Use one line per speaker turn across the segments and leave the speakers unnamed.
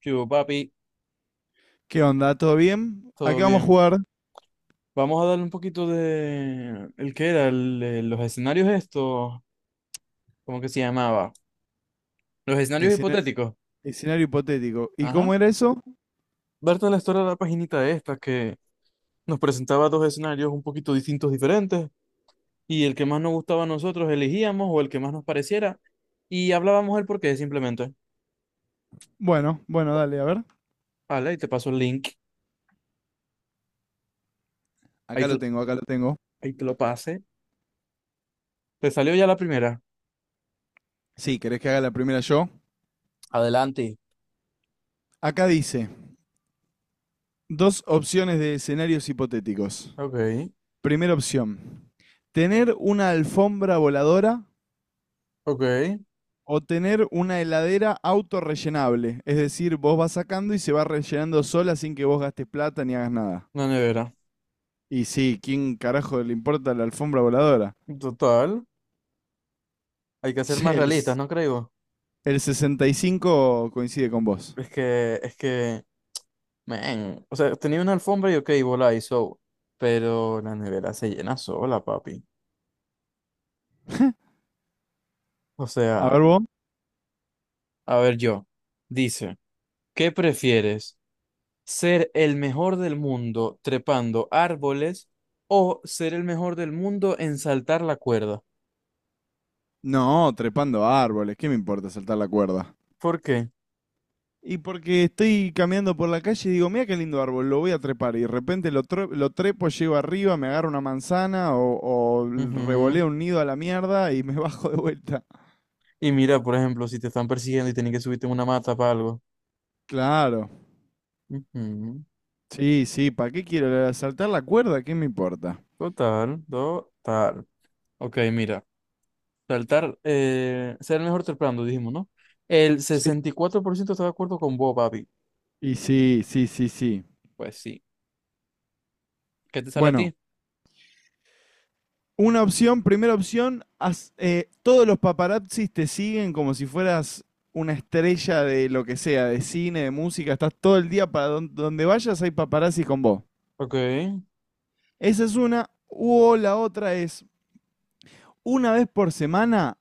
¿Qué hubo, papi?
¿Qué onda? ¿Todo bien?
Todo
Aquí vamos a
bien.
jugar
Vamos a darle un poquito de... ¿El qué era? Los escenarios estos. ¿Cómo que se llamaba? Los escenarios
escena-
hipotéticos.
escenario hipotético. ¿Y
Ajá.
cómo era eso?
Berta la historia de la paginita esta que nos presentaba dos escenarios un poquito distintos, diferentes, y el que más nos gustaba a nosotros elegíamos o el que más nos pareciera, y hablábamos el porqué simplemente.
Bueno, bueno, dale, a ver.
Vale, y te paso el link. Ahí
Acá
te,
lo
lo-
tengo, acá lo tengo.
ahí te lo pasé. ¿Te salió ya la primera?
Sí, ¿querés que haga la primera yo?
Adelante.
Acá dice, dos opciones de escenarios hipotéticos.
Ok,
Primera opción, tener una alfombra voladora
ok.
o tener una heladera autorrellenable. Es decir, vos vas sacando y se va rellenando sola sin que vos gastes plata ni hagas nada.
Una nevera.
Y sí, ¿quién carajo le importa la alfombra voladora?
Total. Hay que ser más
El,
realistas, ¿no creo?
El 65 coincide con vos.
Es que, man, o sea, tenía una alfombra y ok, volá y so, pero la nevera se llena sola, papi. O
A
sea,
ver vos.
a ver yo, dice, ¿qué prefieres? ¿Ser el mejor del mundo trepando árboles o ser el mejor del mundo en saltar la cuerda?
No, trepando árboles, ¿qué me importa saltar la cuerda?
¿Por qué?
Y porque estoy caminando por la calle y digo, mira qué lindo árbol, lo voy a trepar. Y de repente lo trepo, llego arriba, me agarro una manzana o
Ujú.
revoleo un nido a la mierda y me bajo de vuelta.
Y mira, por ejemplo, si te están persiguiendo y tienen que subirte en una mata para algo.
Claro.
Ujú.
Sí, sí, ¿para qué quiero saltar la cuerda? ¿Qué me importa?
Total, total. Ok, mira. Saltar, ser el mejor trepando, dijimos, ¿no? El
Sí.
64% está de acuerdo con vos, papi.
Y sí, sí, sí, sí.
Pues sí. ¿Qué te sale a
Bueno,
ti?
una opción, primera opción, todos los paparazzis te siguen como si fueras una estrella de lo que sea, de cine, de música, estás todo el día para donde vayas hay paparazzis con vos.
Ok,
Esa es una, o la otra es una vez por semana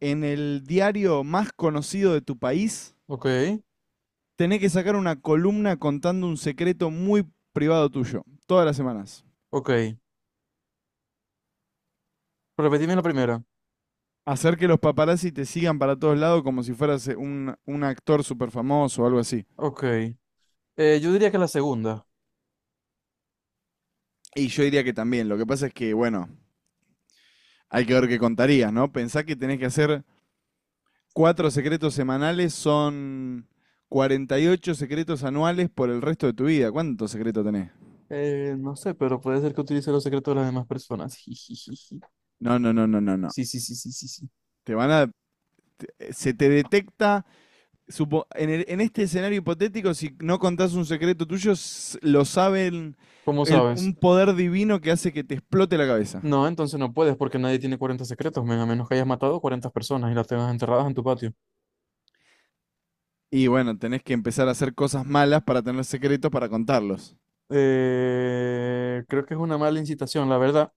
en el diario más conocido de tu país,
ok,
tenés que sacar una columna contando un secreto muy privado tuyo, todas las semanas.
ok. Repetime la primera.
Hacer que los paparazzi te sigan para todos lados como si fueras un actor súper famoso o algo así.
Ok. Yo diría que la segunda.
Y yo diría que también. Lo que pasa es que, bueno, hay que ver qué contarías, ¿no? Pensá que tenés que hacer cuatro secretos semanales, son 48 secretos anuales por el resto de tu vida. ¿Cuántos secretos tenés?
No sé, pero puede ser que utilice los secretos de las demás personas. Jijijiji.
No, no, no, no, no, no.
Sí, sí, sí, sí, sí, sí.
Te van a. Se te detecta. En este escenario hipotético, si no contás un secreto tuyo, lo saben.
¿Cómo
el-
sabes?
un poder divino que hace que te explote la cabeza.
No, entonces no puedes porque nadie tiene 40 secretos, men, a menos que hayas matado 40 personas y las tengas enterradas en tu patio.
Y bueno, tenés que empezar a hacer cosas malas para tener secretos para contarlos.
Creo que es una mala incitación, la verdad.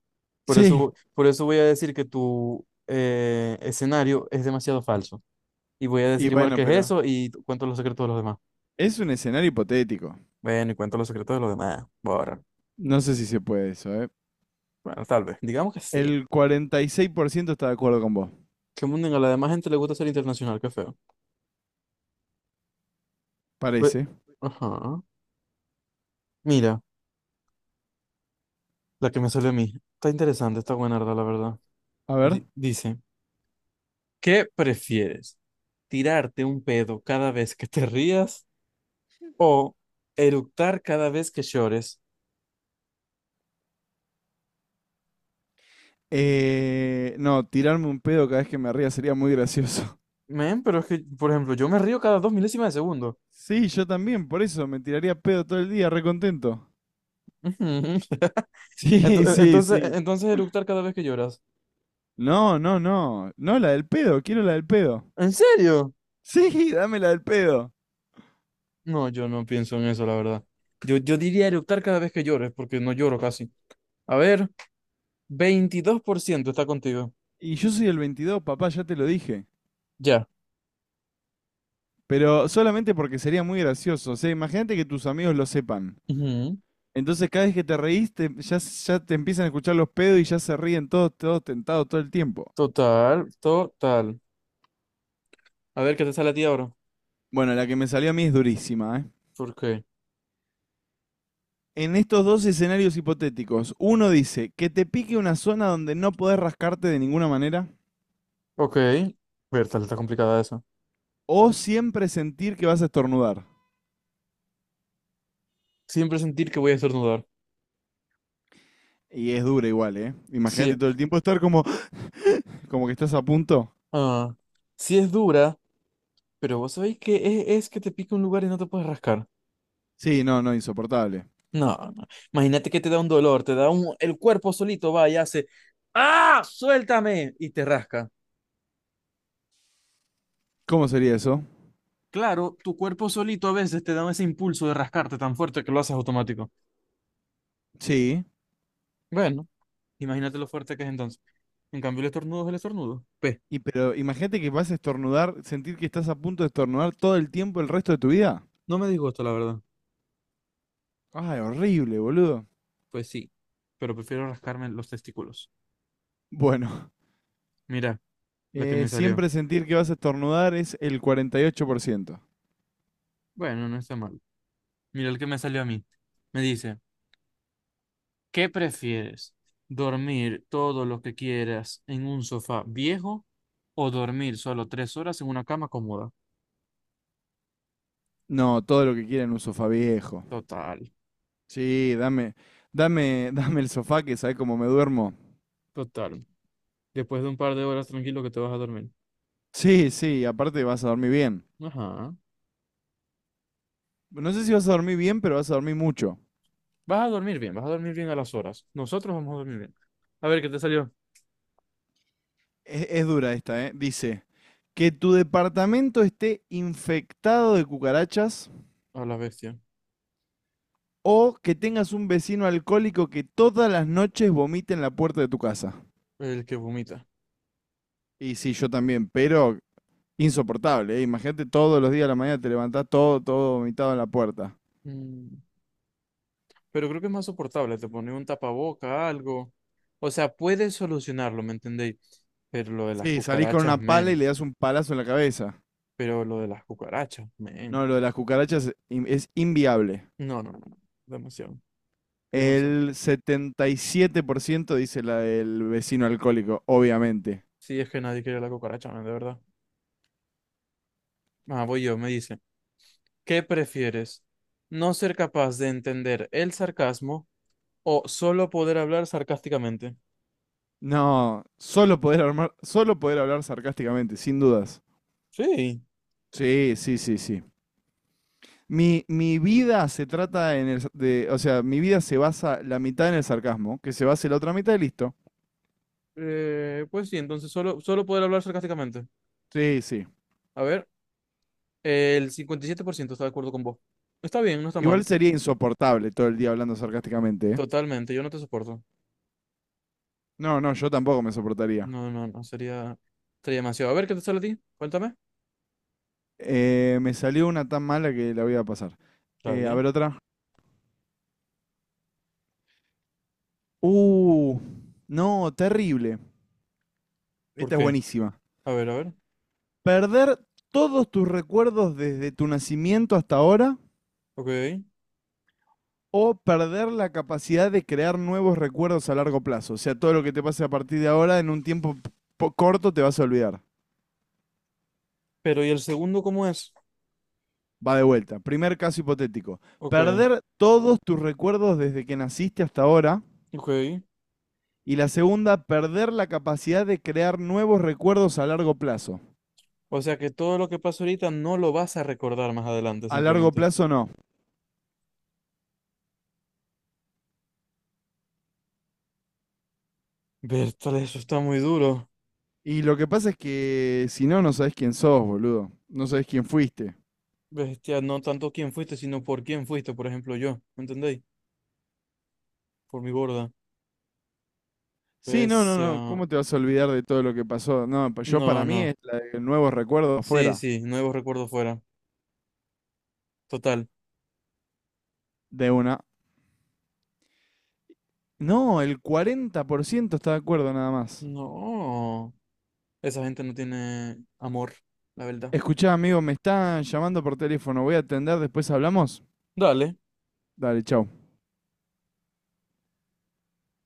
Por
Sí.
eso, por eso voy a decir que tu escenario es demasiado falso. Y voy a
Y
decir igual
bueno,
que es
pero.
eso y cuento los secretos de los demás.
Es un escenario hipotético.
Bueno, y cuento los secretos de los demás. Borra.
No sé si se puede eso, ¿eh?
Bueno, tal vez. Digamos que sí.
El 46% está de acuerdo con vos,
Que mundo a la demás gente le gusta ser internacional, qué feo. Pues,
parece.
ajá. Mira, la que me salió a mí. Está interesante, está buena, la verdad.
A ver.
Dice, ¿qué prefieres? ¿Tirarte un pedo cada vez que te rías? ¿O eructar cada vez que llores?
No, tirarme un pedo cada vez que me ría sería muy gracioso.
Men, pero es que, por ejemplo, yo me río cada 2 milésimas de segundo.
Sí, yo también, por eso me tiraría pedo todo el día, recontento.
Ujú. Ento-
Sí,
e-,
sí,
Entonces, e-,
sí.
entonces eructar cada vez que lloras.
No, no, no. No, la del pedo, quiero la del pedo.
¿En serio?
Sí, dame la del pedo.
No, yo no pienso en eso, la verdad. Yo diría eructar cada vez que llores, porque no lloro casi. A ver, 22% está contigo.
Y yo soy el 22, papá, ya te lo dije.
Ya.
Pero solamente porque sería muy gracioso. O sea, imagínate que tus amigos lo sepan.
Ujú.
Entonces cada vez que te reís, ya te empiezan a escuchar los pedos y ya se ríen todos, todos tentados todo el tiempo.
Total, total. A ver, ¿qué te sale a ti ahora?
Bueno, la que me salió a mí es durísima, ¿eh?
¿Por qué?
En estos dos escenarios hipotéticos, uno dice que te pique una zona donde no podés rascarte de ninguna manera
Ok. Bertal, está complicada esa.
o siempre sentir que vas a estornudar.
Siempre sentir que voy a estornudar.
Y es dura igual, ¿eh? Imagínate
Sí.
todo el tiempo estar como que estás a punto.
Ah, sí es dura, pero vos sabéis que es que te pica un lugar y no te puedes rascar.
Sí, no, no, insoportable.
No, no. Imagínate que te da un dolor, te da un... El cuerpo solito va y hace... ¡Ah! ¡Suéltame! Y te rasca.
¿Cómo sería eso?
Claro, tu cuerpo solito a veces te da ese impulso de rascarte tan fuerte que lo haces automático.
Sí.
Bueno, imagínate lo fuerte que es entonces. En cambio, el estornudo es el estornudo. P.
Y pero imagínate que vas a estornudar, sentir que estás a punto de estornudar todo el tiempo el resto de tu vida.
No me digo esto, la verdad.
Ay, horrible, boludo.
Pues sí, pero prefiero rascarme los testículos.
Bueno,
Mira, la que me salió.
siempre sentir que vas a estornudar es el 48%.
Bueno, no está mal. Mira el que me salió a mí. Me dice... ¿Qué prefieres? ¿Dormir todo lo que quieras en un sofá viejo o dormir solo 3 horas en una cama cómoda?
No, todo lo que quieran, un sofá viejo.
Total,
Sí, dame, dame, dame el sofá que sabes cómo me duermo.
total. Después de un par de horas tranquilo que te vas a dormir.
Sí, sí, aparte vas a dormir bien.
Ajá.
No sé si vas a dormir bien, pero vas a dormir mucho.
Vas a dormir bien, vas a dormir bien a las horas. Nosotros vamos a dormir bien. A ver, ¿qué te salió?
Es dura esta, ¿eh? Dice, que tu departamento esté infectado de cucarachas
A la bestia.
o que tengas un vecino alcohólico que todas las noches vomite en la puerta de tu casa.
El que vomita.
Y sí, yo también, pero insoportable, ¿eh? Imagínate todos los días a la mañana te levantás todo, todo vomitado en la puerta.
Mm, Pero creo que es más soportable. Te pone un tapaboca, algo. O sea, puedes solucionarlo, ¿me entendéis? Pero lo de las
Sí, salís con
cucarachas,
una pala y
men.
le das un palazo en la cabeza.
Pero lo de las cucarachas, men.
No, lo de las cucarachas es es inviable.
No, no, no, no. Demasiado, demasiado.
El 77% dice la del vecino alcohólico, obviamente.
Sí, es que nadie quiere la cucaracha, man, de verdad. Ah, voy yo, me dice. ¿Qué prefieres? ¿No ser capaz de entender el sarcasmo o solo poder hablar sarcásticamente?
No, solo poder hablar sarcásticamente, sin dudas.
Sí.
Sí, sí, sí, sí. Mi vida se trata en el, sa- de, o sea, mi vida se basa la mitad en el sarcasmo, que se basa la otra mitad y listo.
Pues sí, entonces solo poder hablar sarcásticamente.
Sí, sí.
A ver, el 57% está de acuerdo con vos. Está bien, no está
Igual
mal.
sería insoportable todo el día hablando sarcásticamente, ¿eh?
Totalmente, yo no te soporto.
No, no, yo tampoco me soportaría.
No, no, no, sería demasiado. A ver, ¿qué te sale a ti? Cuéntame.
Me salió una tan mala que la voy a pasar. A
Dale.
ver otra. Uh, no, terrible.
¿Por
Esta es
qué?
buenísima.
A ver, a ver.
Perder todos tus recuerdos desde tu nacimiento hasta ahora
Ok.
o perder la capacidad de crear nuevos recuerdos a largo plazo. O sea, todo lo que te pase a partir de ahora en un tiempo corto te vas a olvidar.
Pero, ¿y el segundo cómo es?
Va de vuelta. Primer caso hipotético.
Ok,
Perder todos tus recuerdos desde que naciste hasta ahora.
ok.
Y la segunda, perder la capacidad de crear nuevos recuerdos a largo plazo.
O sea que todo lo que pasó ahorita no lo vas a recordar más adelante,
A largo
simplemente.
plazo no.
Bertale, eso está muy duro.
Y lo que pasa es que si no, no sabes quién sos, boludo. No sabes quién fuiste.
Bestia, no tanto quién fuiste, sino por quién fuiste, por ejemplo, yo. ¿Me entendéis? Por mi borda.
Sí, no, no, no.
Bestia.
¿Cómo te vas a olvidar de todo lo que pasó? No, pues yo
No,
para mí
no.
es la de nuevos recuerdos
Sí,
afuera.
sí, nuevos recuerdos fuera. Total.
De una. No, el 40% está de acuerdo nada más.
No. Esa gente no tiene amor, la verdad.
Escuchá, amigo, me están llamando por teléfono. Voy a atender, después hablamos.
Dale.
Dale, chao.